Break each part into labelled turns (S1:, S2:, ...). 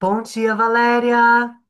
S1: Bom dia, Valéria!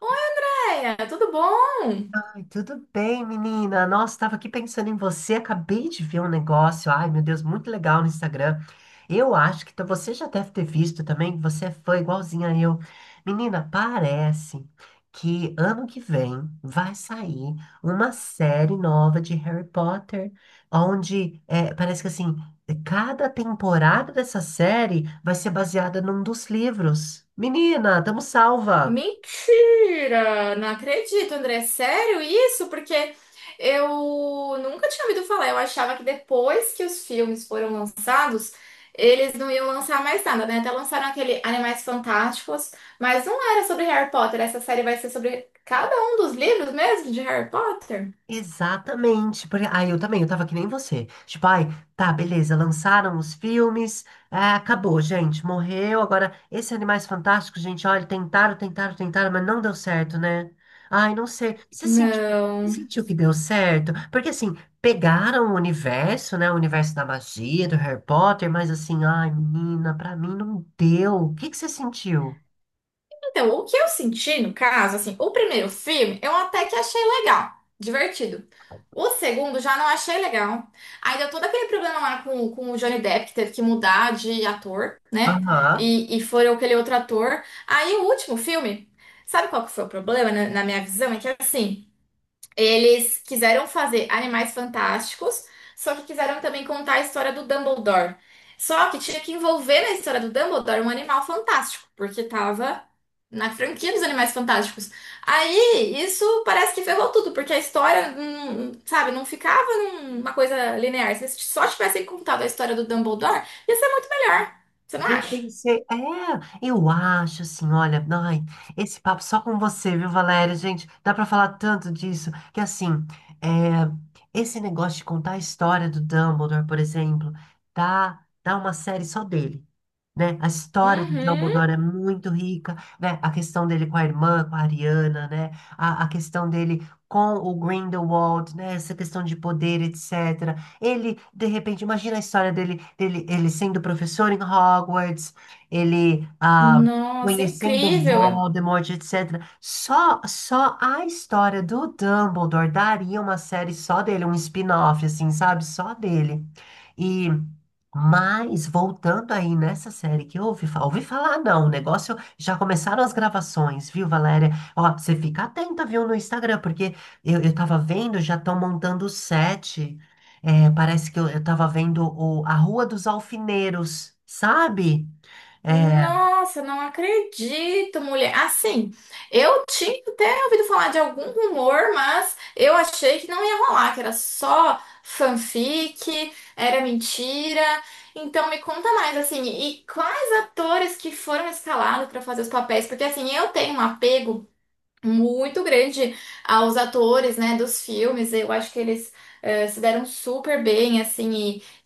S2: Andréia, tudo bom?
S1: Ai, tudo bem, menina? Nossa, estava aqui pensando em você, acabei de ver um negócio. Ai, meu Deus, muito legal no Instagram. Eu acho que você já deve ter visto também, que você é fã igualzinha a eu. Menina, parece que ano que vem vai sair uma série nova de Harry Potter, onde é, parece que assim, cada temporada dessa série vai ser baseada num dos livros. Menina, tamo salva!
S2: Mentira! Não acredito, André. Sério isso? Porque eu nunca tinha ouvido falar. Eu achava que depois que os filmes foram lançados, eles não iam lançar mais nada, né? Até lançaram aquele Animais Fantásticos, mas não era sobre Harry Potter. Essa série vai ser sobre cada um dos livros mesmo de Harry Potter?
S1: Exatamente, porque aí eu também, eu tava que nem você. Tipo, ai, tá, beleza, lançaram os filmes, acabou, gente, morreu. Agora, esse Animais Fantásticos, gente, olha, tentaram, tentaram, tentaram, mas não deu certo, né? Ai, não sei. Você sentiu, você
S2: Não.
S1: sentiu que deu certo? Porque assim, pegaram o universo, né? O universo da magia, do Harry Potter, mas assim, ai, menina, pra mim não deu. O que que você sentiu?
S2: Então, o que eu senti no caso, assim, o primeiro filme eu até que achei legal, divertido. O segundo já não achei legal. Aí deu todo aquele problema lá com o Johnny Depp, que teve que mudar de ator, né?
S1: Aham.
S2: E foi aquele outro ator. Aí o último filme, sabe qual que foi o problema, na minha visão? É que assim. Eles quiseram fazer Animais Fantásticos, só que quiseram também contar a história do Dumbledore. Só que tinha que envolver na história do Dumbledore um animal fantástico, porque tava na franquia dos Animais Fantásticos. Aí isso parece que ferrou tudo, porque a história, sabe, não ficava numa coisa linear. Se só tivessem contado a história do Dumbledore, ia ser muito melhor. Você não
S1: Eu
S2: acha?
S1: pensei, é, eu acho assim, olha, ai, esse papo só com você, viu, Valéria? Gente, dá pra falar tanto disso que assim, é, esse negócio de contar a história do Dumbledore, por exemplo, dá uma série só dele, né? A história do
S2: Uhum.
S1: Dumbledore é muito rica, né? A questão dele com a irmã, com a Ariana, né? A questão dele com o Grindelwald, né? Essa questão de poder, etc. Ele, de repente, imagina a história dele, ele sendo professor em Hogwarts, ele
S2: Nossa,
S1: conhecendo
S2: incrível.
S1: Voldemort, etc. Só a história do Dumbledore daria uma série só dele, um spin-off, assim, sabe? Só dele. E mas voltando aí nessa série que eu ouvi, ouvi falar, não, o negócio já começaram as gravações, viu, Valéria? Ó, você fica atenta, viu, no Instagram, porque eu tava vendo, já estão montando o set é, parece que eu tava vendo a Rua dos Alfineiros, sabe? É,
S2: Nossa, não acredito, mulher. Assim, eu tinha até ouvido falar de algum rumor, mas eu achei que não ia rolar, que era só fanfic, era mentira. Então me conta mais, assim, e quais atores que foram escalados para fazer os papéis? Porque assim, eu tenho um apego muito grande aos atores, né, dos filmes. Eu acho que eles se deram super bem, assim,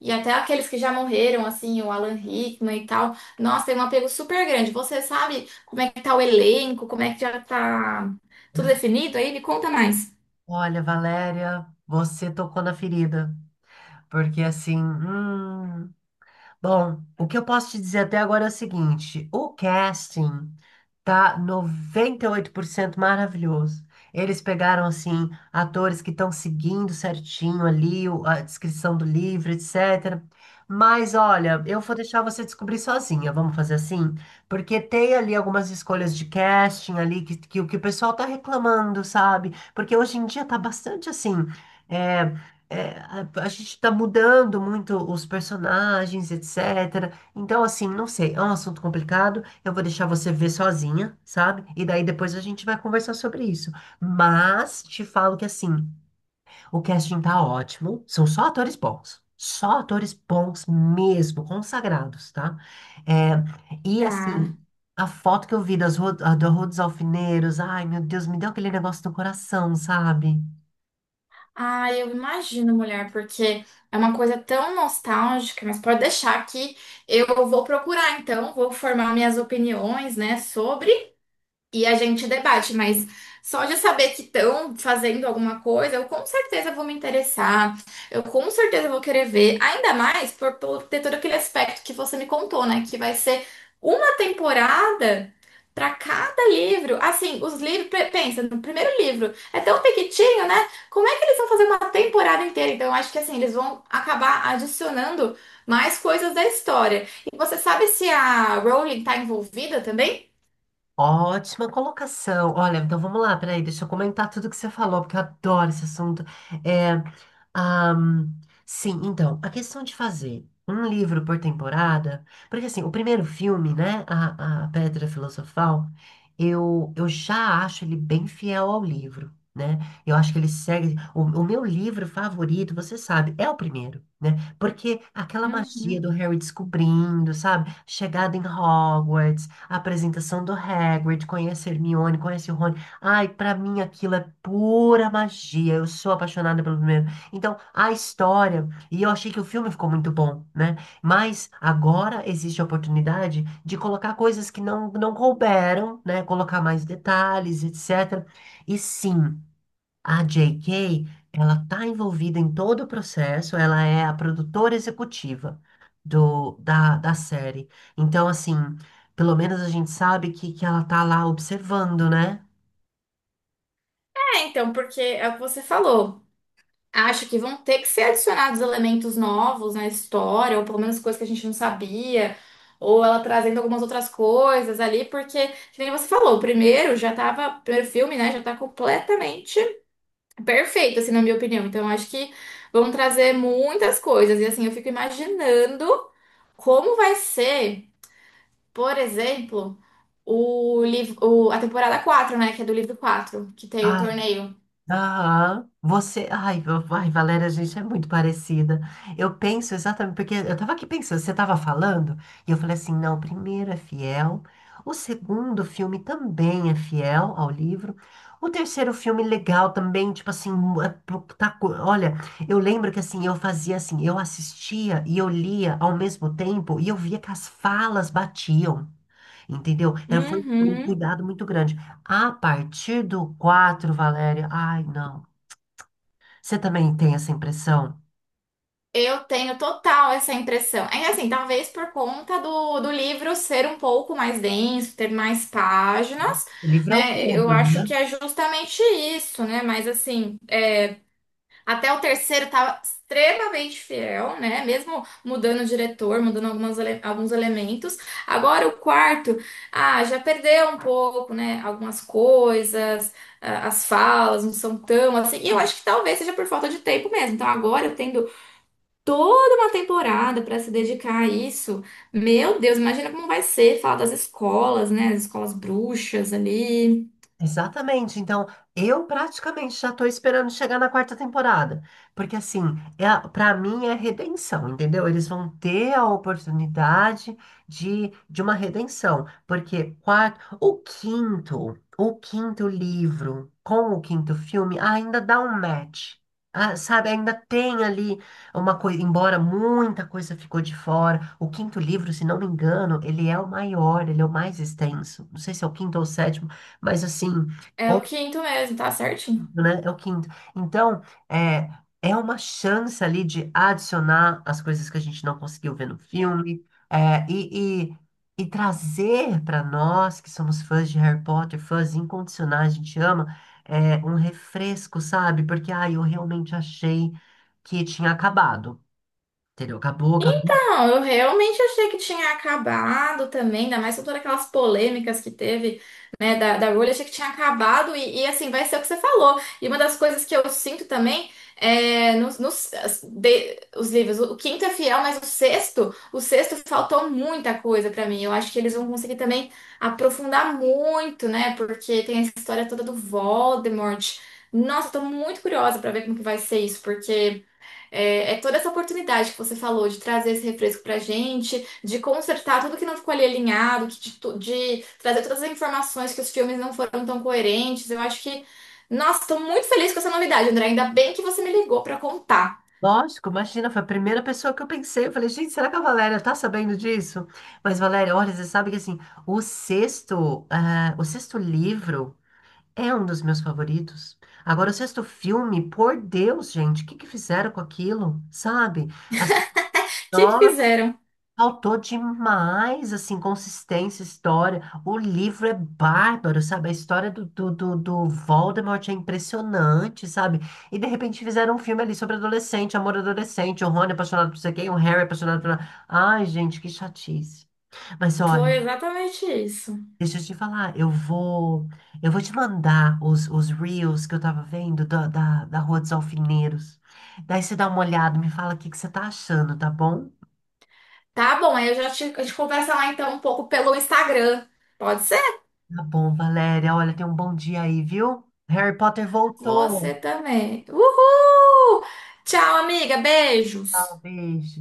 S2: e até aqueles que já morreram, assim, o Alan Rickman e tal. Nossa, tem um apego super grande. Você sabe como é que tá o elenco, como é que já tá tudo definido aí? Me conta mais.
S1: olha, Valéria, você tocou na ferida. Porque assim, bom, o que eu posso te dizer até agora é o seguinte: o casting tá 98% maravilhoso. Eles pegaram, assim, atores que estão seguindo certinho ali a descrição do livro, etc. Mas olha, eu vou deixar você descobrir sozinha, vamos fazer assim? Porque tem ali algumas escolhas de casting ali o que o pessoal tá reclamando, sabe? Porque hoje em dia tá bastante assim. eh, é, a gente tá mudando muito os personagens, etc. Então, assim, não sei, é um assunto complicado. Eu vou deixar você ver sozinha, sabe? E daí depois a gente vai conversar sobre isso. Mas te falo que, assim, o casting tá ótimo. São só atores bons. Só atores bons mesmo, consagrados, tá? É, e,
S2: Tá.
S1: assim. A foto que eu vi da Rua dos Alfineiros, ai meu Deus, me deu aquele negócio no coração, sabe?
S2: Ah, eu imagino, mulher, porque é uma coisa tão nostálgica, mas pode deixar que eu vou procurar, então, vou formar minhas opiniões, né, sobre. E a gente debate, mas só de saber que estão fazendo alguma coisa, eu com certeza vou me interessar, eu com certeza vou querer ver, ainda mais por ter todo aquele aspecto que você me contou, né? Que vai ser uma temporada para cada livro. Assim, os livros, pensa, no primeiro livro é tão pequitinho, né? Como é que eles vão fazer uma temporada inteira? Então, eu acho que assim, eles vão acabar adicionando mais coisas da história. E você sabe se a Rowling tá envolvida também?
S1: Ótima colocação. Olha, então vamos lá, peraí, deixa eu comentar tudo que você falou, porque eu adoro esse assunto. É, Ahn, sim, então, a questão de fazer um livro por temporada, porque assim, o primeiro filme, né, a Pedra Filosofal, eu já acho ele bem fiel ao livro, né? Eu acho que ele segue. O meu livro favorito, você sabe, é o primeiro, né? Porque aquela magia
S2: Uhum.
S1: do Harry descobrindo, sabe? Chegada em Hogwarts, a apresentação do Hagrid, conhece Hermione, conhece o Rony. Ai, pra mim aquilo é pura magia. Eu sou apaixonada pelo primeiro então, a história, e eu achei que o filme ficou muito bom, né? Mas agora existe a oportunidade de colocar coisas que não couberam, né? Colocar mais detalhes, etc. E sim, a J.K., ela tá envolvida em todo o processo, ela é a produtora executiva da série. Então, assim, pelo menos a gente sabe que ela tá lá observando, né?
S2: É, então, porque é o que você falou. Acho que vão ter que ser adicionados elementos novos na história, ou pelo menos coisas que a gente não sabia, ou ela trazendo algumas outras coisas ali, porque, que nem você falou, o primeiro já tava, o primeiro filme, né, já tá completamente perfeito, assim, na minha opinião. Então, acho que vão trazer muitas coisas. E, assim, eu fico imaginando como vai ser, por exemplo, o a temporada 4 né, que é do livro 4 que tem o
S1: Ah,
S2: torneio.
S1: Aham. Você. Ai, Valéria, a gente é muito parecida. Eu penso exatamente, porque eu tava aqui pensando, você tava falando, e eu falei assim: não, o primeiro é fiel, o segundo filme também é fiel ao livro, o terceiro filme legal também, tipo assim, olha, eu lembro que assim, eu fazia assim, eu assistia e eu lia ao mesmo tempo, e eu via que as falas batiam. Entendeu? Era, foi um
S2: Uhum.
S1: cuidado muito grande. A partir do 4, Valéria, ai, não. Você também tem essa impressão?
S2: Eu tenho total essa impressão. É assim, talvez por conta do livro ser um pouco mais denso, ter mais páginas,
S1: O livro é o
S2: né? Eu
S1: dobro,
S2: acho
S1: né?
S2: que é justamente isso, né? Mas assim, é, até o terceiro estava extremamente fiel, né? Mesmo mudando o diretor, mudando alguns elementos. Agora o quarto, ah, já perdeu um pouco, né? Algumas coisas ah, as falas não são tão assim. E eu acho que talvez seja por falta de tempo mesmo. Então, agora eu tendo toda uma temporada para se dedicar a isso. Meu Deus, imagina como vai ser falar das escolas, né? As escolas bruxas ali.
S1: Exatamente. Então, eu praticamente já tô esperando chegar na quarta temporada, porque assim, pra mim é redenção, entendeu? Eles vão ter a oportunidade de uma redenção, porque quarto, o quinto livro com o quinto filme ainda dá um match. Ah, sabe, ainda tem ali uma coisa, embora muita coisa ficou de fora. O quinto livro, se não me engano, ele é o maior, ele é o mais extenso. Não sei se é o quinto ou o sétimo. Mas assim,
S2: É
S1: ou,
S2: o quinto mesmo, tá certinho.
S1: né, é o quinto. Então, é, é, uma chance ali de adicionar as coisas que a gente não conseguiu ver no filme, é, e trazer para nós que somos fãs de Harry Potter, fãs incondicionais, a gente ama, um refresco, sabe? Porque, ah, eu realmente achei que tinha acabado, entendeu? Acabou, acabou.
S2: Então, eu realmente achei que tinha acabado também, ainda mais com todas aquelas polêmicas que teve, né, da Rowling, achei que tinha acabado e assim, vai ser o que você falou. E uma das coisas que eu sinto também é os livros, o quinto é fiel, mas o sexto faltou muita coisa pra mim. Eu acho que eles vão conseguir também aprofundar muito, né, porque tem essa história toda do Voldemort. Nossa, eu tô muito curiosa pra ver como que vai ser isso, porque é toda essa oportunidade que você falou de trazer esse refresco pra gente, de consertar tudo que não ficou ali alinhado, de trazer todas as informações que os filmes não foram tão coerentes. Eu acho que. Nossa, tô muito feliz com essa novidade, André. Ainda bem que você me ligou pra contar.
S1: Lógico, imagina, foi a primeira pessoa que eu pensei. Eu falei, gente, será que a Valéria tá sabendo disso? Mas, Valéria, olha, você sabe que assim, o sexto, ah, o sexto livro é um dos meus favoritos. Agora, o sexto filme, por Deus, gente, o que que fizeram com aquilo? Sabe? Assim,
S2: O que que
S1: nossa.
S2: fizeram?
S1: Faltou demais, assim, consistência, história. O livro é bárbaro, sabe? A história do Voldemort é impressionante, sabe? E de repente fizeram um filme ali sobre adolescente, amor adolescente, o Rony apaixonado por você quem, o Harry é apaixonado por... Ai, gente, que chatice. Mas olha,
S2: Foi exatamente isso.
S1: deixa eu te falar, eu vou te mandar os reels que eu tava vendo da Rua dos Alfineiros. Daí você dá uma olhada, me fala o que que você tá achando, tá bom?
S2: Tá bom, aí eu já te, a gente conversa lá então um pouco pelo Instagram. Pode ser?
S1: Tá bom, Valéria. Olha, tem um bom dia aí, viu? Harry Potter voltou.
S2: Você também. Uhul! Tchau, amiga. Beijos.
S1: Talvez.